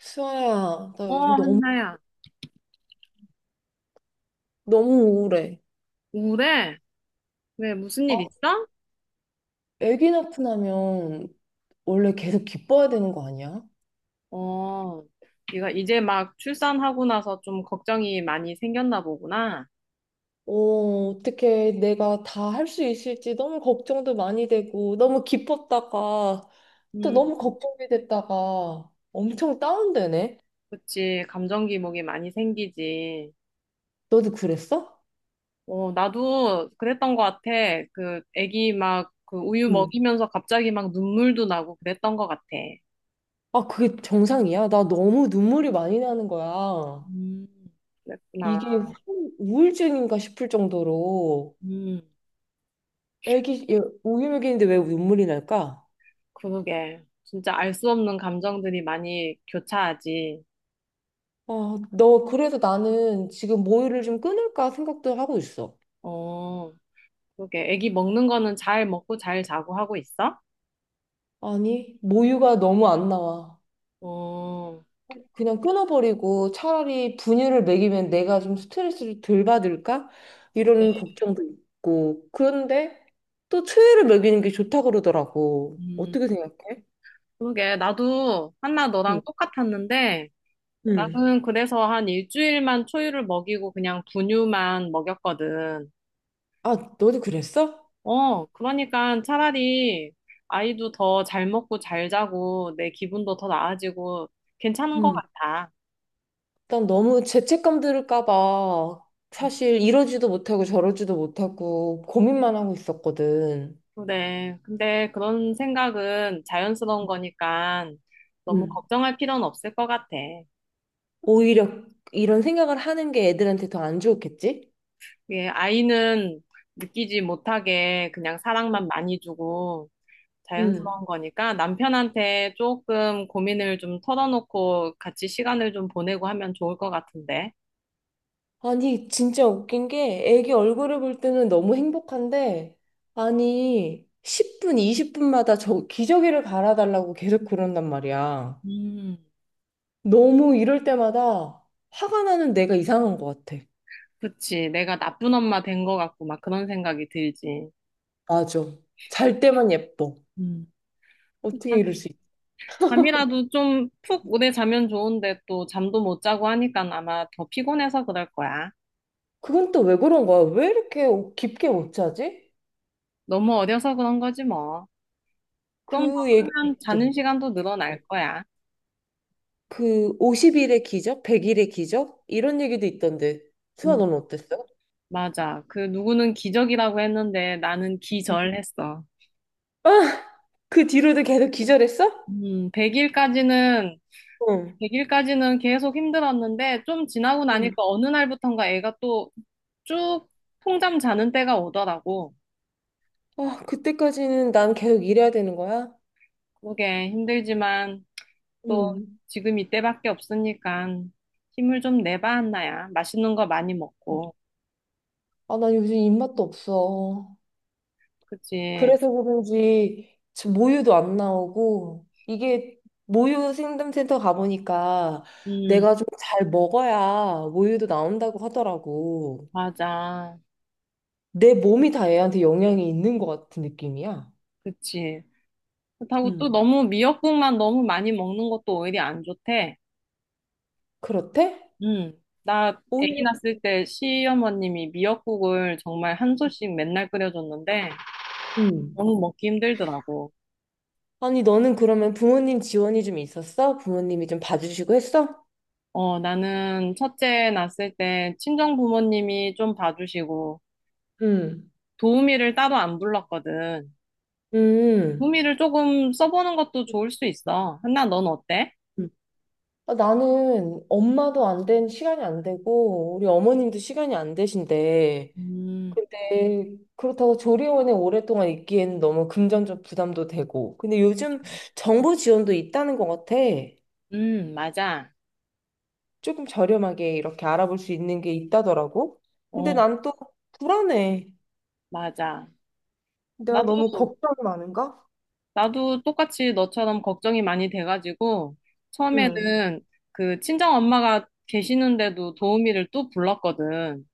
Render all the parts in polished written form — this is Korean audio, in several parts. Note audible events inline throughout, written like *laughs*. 수아야, 나 어, 요즘 너무, 한나야. 너무 우울해. 우울해? 왜, 무슨 아, 일 있어? 애기 낳고 나면 원래 계속 기뻐야 되는 거 아니야? 어, 네가 이제 막 출산하고 나서 좀 걱정이 많이 생겼나 보구나. 어, 어떻게 내가 다 할 수 있을지 너무 걱정도 많이 되고, 너무 기뻤다가, 또 음, 너무 걱정이 됐다가, 엄청 다운되네? 그치. 감정 기복이 많이 생기지. 너도 그랬어? 어, 나도 그랬던 것 같아. 그, 애기 막, 그 우유 응. 먹이면서 갑자기 막 눈물도 나고 그랬던 것 같아. 아, 그게 정상이야? 나 너무 눈물이 많이 나는 거야. 음, 그랬구나. 이게 우울증인가 싶을 정도로, 음, 애기, 얘 우유먹이는데 왜 눈물이 날까? 그러게. 진짜 알 수 없는 감정들이 많이 교차하지. 아, 너 그래서 나는 지금 모유를 좀 끊을까 생각도 하고 있어. 어. 그게 애기 먹는 거는 잘 먹고 잘 자고 하고 있어? 아니, 모유가 너무 안 나와. 어, 그냥 끊어버리고 차라리 분유를 먹이면 내가 좀 스트레스를 덜 받을까? 이런 그래. 걱정도 있고. 그런데 또 초유를 먹이는 게 좋다 그러더라고. 음, 어떻게 생각해? 그러게. 나도 한나 응. 너랑 똑같았는데 응. 나는 그래서 한 일주일만 초유를 먹이고 그냥 분유만 먹였거든. 아, 너도 그랬어? 어, 그러니까 차라리 아이도 더 잘 먹고 잘 자고 내 기분도 더 나아지고 괜찮은 것 응. 같아. 일단 너무 죄책감 들을까 봐 사실 이러지도 못하고 저러지도 못하고 고민만 하고 있었거든. 그래. 근데 그런 생각은 자연스러운 거니까 너무 응. 걱정할 필요는 없을 것 같아. 오히려 이런 생각을 하는 게 애들한테 더 안 좋겠지? 예, 아이는 느끼지 못하게 그냥 사랑만 많이 주고 응. 자연스러운 거니까 남편한테 조금 고민을 좀 털어놓고 같이 시간을 좀 보내고 하면 좋을 것 같은데. 아니, 진짜 웃긴 게 애기 얼굴을 볼 때는 너무 행복한데, 아니, 10분, 20분마다 저 기저귀를 갈아달라고 계속 그런단 말이야. 음, 너무 이럴 때마다 화가 나는 내가 이상한 것 같아. 그치. 내가 나쁜 엄마 된 것 같고 막 그런 생각이 들지. 맞아. 잘 때만 예뻐. 음. 어떻게 자- 이럴 수 있지? 잠이라도 좀 푹 오래 자면 좋은데 또 잠도 못 자고 하니까 아마 더 피곤해서 그럴 거야. 그건 또 왜 그런 거야? 왜 이렇게 깊게 못 자지? 너무 어려서 그런 거지 뭐. 좀 더 그 얘기가 크면 자는 있더라고. 시간도 늘어날 거야. 그 50일의 기적, 100일의 기적 이런 얘기도 있던데. 수아 너는 어땠어? 맞아. 그 누구는 기적이라고 했는데 나는 응. 기절했어. 아, 그 뒤로도 계속 기절했어? 음, 100일까지는 응. 100일까지는 계속 힘들었는데 좀 지나고 나니까 응. 어느 날부턴가 애가 또 쭉 통잠 자는 때가 오더라고. 아, 그때까지는 난 계속 일해야 되는 거야? 그러게, 힘들지만 또 응. 지금 이때밖에 없으니까 힘을 좀 내봐, 한나야. 맛있는 거 많이 먹고. 아, 난 요즘 입맛도 없어. 그치? 그래서 그런지 지금 모유도 안 나오고 이게 모유 생담센터 가보니까 음, 내가 좀 잘 먹어야 모유도 나온다고 하더라고. 맞아. 내 몸이 다 얘한테 영향이 있는 것 같은 느낌이야. 그치. 그렇다고 또 음. 너무 미역국만 너무 많이 먹는 것도 오히려 안 좋대. 그렇대? 음, 나 아기 오히려, 낳았을 때 시어머님이 미역국을 정말 한 소씩 맨날 끓여줬는데 음. 너무 먹기 힘들더라고. 아니, 너는 그러면 부모님 지원이 좀 있었어? 부모님이 좀 봐주시고 했어? 어, 나는 첫째 낳았을 때 친정 부모님이 좀 봐주시고 음. 도우미를 따로 안 불렀거든. 음. 도우미를 조금 써보는 것도 좋을 수 있어. 한나, 넌 어때? 음. 아, 나는 엄마도 안 된, 시간이 안 되고, 우리 어머님도 시간이 안 되신데, 음, 근데 그렇다고 조리원에 오랫동안 있기에는 너무 금전적 부담도 되고, 근데 요즘 정부 지원도 있다는 것 같아. 맞아. 조금 저렴하게 이렇게 알아볼 수 있는 게 있다더라고. 근데 어, 난 또 불안해. 맞아. 내가 나도 너무 걱정이 많은가? 나도 똑같이 너처럼 걱정이 많이 돼가지고, 응. 처음에는 그 친정 엄마가 계시는데도 도우미를 또 불렀거든.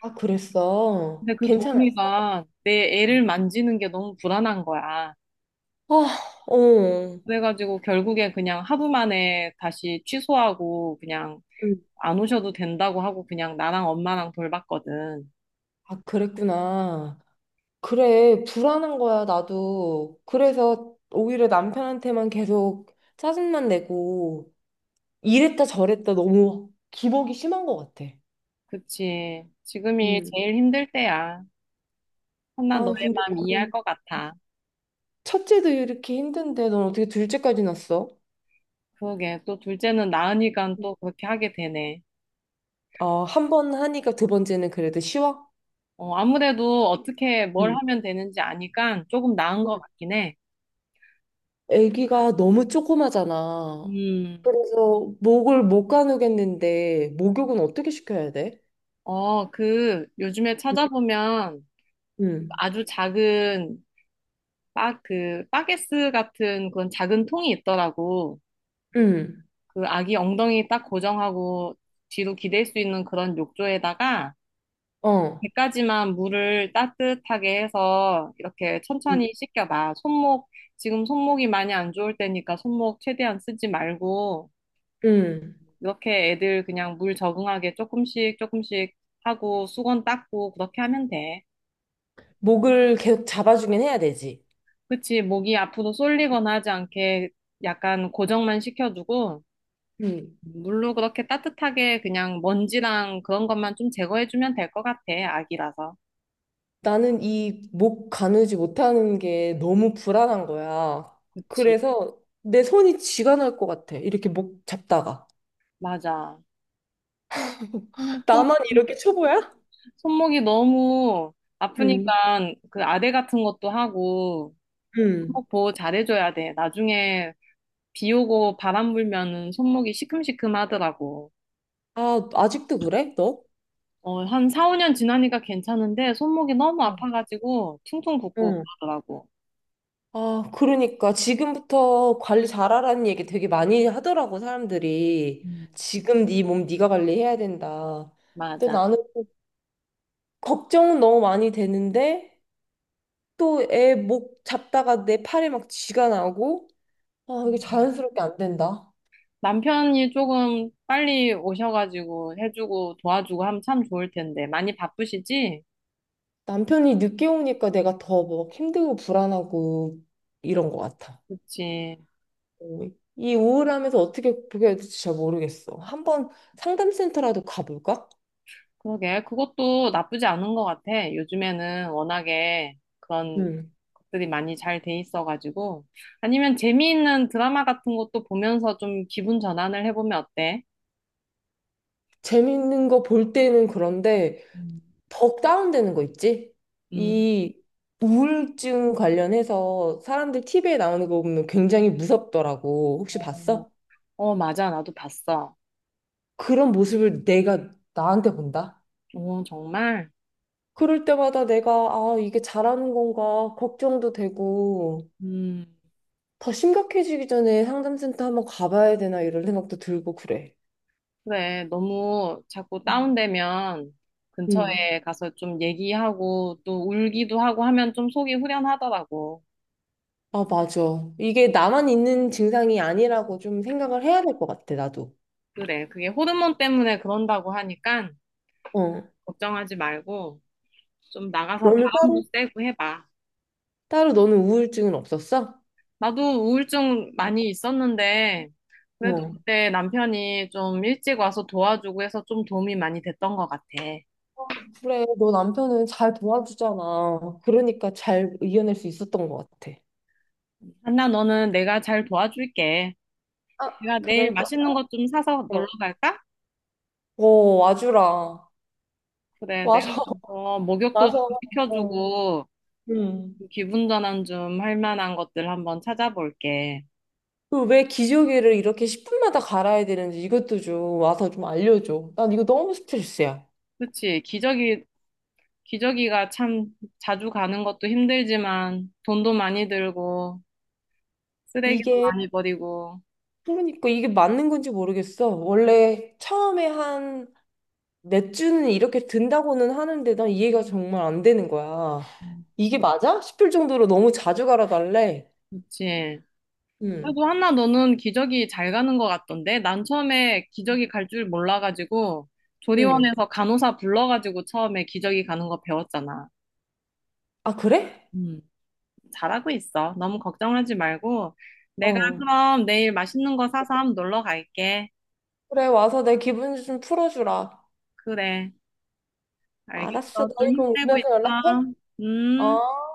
아, 그랬어. 근데 그 괜찮았어. 도우미가 내 애를 만지는 게 너무 불안한 거야. 아, 어. 그래가지고 결국에 그냥 하루 만에 다시 취소하고 그냥 응. 안 오셔도 된다고 하고 그냥 나랑 엄마랑 돌봤거든. 아, 그랬구나. 그래, 불안한 거야, 나도. 그래서 오히려 남편한테만 계속 짜증만 내고, 이랬다 저랬다 너무 기복이 심한 것 같아. 그치. 지금이 응. 제일 힘들 때야. 혼나 아, 너의 근데 마음 이해할 너는 것 같아. 첫째도 이렇게 힘든데, 넌 어떻게 둘째까지 낳았어? 그러게. 또 둘째는 나으니까 또 그렇게 하게 되네. 아, 한 번 하니까 두 번째는 그래도 쉬워? 어, 아무래도 어떻게 뭘 응. 하면 되는지 아니까 조금 나은 것 같긴 해. 아기가 너무 조그마잖아. 음, 그래서 목을 못 가누겠는데 목욕은 어떻게 시켜야 돼? 어, 그, 요즘에 찾아보면 응, 아주 작은, 그, 빠게스 같은 그런 작은 통이 있더라고. 응, 그 아기 엉덩이 딱 고정하고 뒤로 기댈 수 있는 그런 욕조에다가 배 어, 까지만 물을 따뜻하게 해서 이렇게 응, 천천히 씻겨봐. 손목, 지금 손목이 많이 안 좋을 때니까 손목 최대한 쓰지 말고. 응. 이렇게 애들 그냥 물 적응하게 조금씩 조금씩 하고 수건 닦고 그렇게 하면 돼. 목을 계속 잡아주긴 해야 되지. 그치, 목이 앞으로 쏠리거나 하지 않게 약간 고정만 시켜주고 응. 물로 그렇게 따뜻하게 그냥 먼지랑 그런 것만 좀 제거해주면 될 것 같아, 아기라서. 나는 이 목 가누지 못하는 게 너무 불안한 거야. 그치, 그래서 내 손이 쥐가 날 것 같아. 이렇게 목 잡다가. 맞아. *laughs* 손목, 손목- 나만 이렇게 초보야? 손목이 너무 응, 아프니까 그 아대 같은 것도 하고 응. 손목 보호 잘해줘야 돼. 나중에 비 오고 바람 불면은 손목이 시큼시큼 하더라고. 아, 아직도 그래? 너? 어, 한 4, 5년 지나니까 괜찮은데 손목이 너무 아파가지고 퉁퉁 붓고 응. 그러더라고. 아, 그러니까 지금부터 관리 잘하라는 얘기 되게 많이 하더라고 사람들이. 음, 지금 네 몸 네가 관리해야 된다. 근데 맞아. 나는 또 걱정은 너무 많이 되는데 또 애 목 잡다가 내 팔에 막 쥐가 나고 아, 이게 음. 자연스럽게 안 된다. 남편이 조금 빨리 오셔가지고 해주고 도와주고 하면 참 좋을 텐데. 많이 바쁘시지? 남편이 늦게 오니까 내가 더 막 힘들고 불안하고 이런 것 같아. 그치. 어, 이 우울함에서 어떻게 그게 될지 잘 모르겠어. 한번 상담센터라도 가볼까? 그러게. 그것도 나쁘지 않은 것 같아. 요즘에는 워낙에 그런 응. 것들이 많이 잘 돼 있어가지고. 아니면 재미있는 드라마 같은 것도 보면서 좀 기분 전환을 해보면 어때? 재밌는 거 볼 때는 그런데 음. 더 다운되는 거 있지? 음. 이 우울증 관련해서 사람들 TV에 나오는 거 보면 굉장히 무섭더라고. 혹시 어, 봤어? 어, 맞아. 나도 봤어. 그런 모습을 내가 나한테 본다? 어, 정말? 그럴 때마다 내가 아, 이게 잘하는 건가 걱정도 되고 음, 더 심각해지기 전에 상담센터 한번 가봐야 되나 이런 생각도 들고 그래. 그래. 너무 자꾸 음. 다운되면 음. 근처에 가서 좀 얘기하고 또 울기도 하고 하면 좀 속이 후련하더라고. 아, 맞아. 이게 나만 있는 증상이 아니라고 좀 생각을 해야 될 것 같아, 나도. 그래. 그게 호르몬 때문에 그런다고 하니까 어. 걱정하지 말고 좀 나가서 너는 바람도 따로? 쐬고 해봐. 따로 너는 우울증은 없었어? 나도 우울증 많이 있었는데 그래도 어. 그때 남편이 좀 일찍 와서 도와주고 해서 좀 도움이 많이 됐던 것 같아. 그래, 너 남편은 잘 도와주잖아. 그러니까 잘 이겨낼 수 있었던 것 같아. 한나, 너는 내가 잘 도와줄게. 아, 내가 내일 그럴 것 같아. 맛있는 것 좀 사서 놀러 갈까? 어, 와주라. 그래, 내가 와서, 가서 *laughs* 목욕도 좀 와서. 어. 시켜주고 음. 기분 전환 좀 할 만한 것들 한번 찾아볼게. 그왜 기저귀를 이렇게 10분마다 갈아야 되는지 이것도 좀 와서 좀 알려줘. 난 이거 너무 스트레스야. 그치, 기저귀, 기저귀가 참 자주 가는 것도 힘들지만 돈도 많이 들고 쓰레기도 이게, 많이 버리고. 그러니까 이게 맞는 건지 모르겠어. 원래 처음에 한 맥주는 이렇게 든다고는 하는데 난 이해가 정말 안 되는 거야. 음, 이게 맞아? 싶을 정도로 너무 자주 갈아달래. 그치. 응, 그래도 한나 너는 기저귀 잘 가는 것 같던데? 난 처음에 기저귀 갈 줄 몰라가지고 응. 조리원에서 간호사 불러가지고 처음에 기저귀 가는 거 배웠잖아. 아, 그래? 음. 잘하고 있어. 너무 걱정하지 말고. 내가 어. 그럼 내일 맛있는 거 사서 한번 놀러 갈게. 그래, 와서 내 기분 좀 풀어주라. 그래. 알았어. 알겠어. 좀 너희 그럼 힘내고 있어. 오면서 연락해? 음. 어.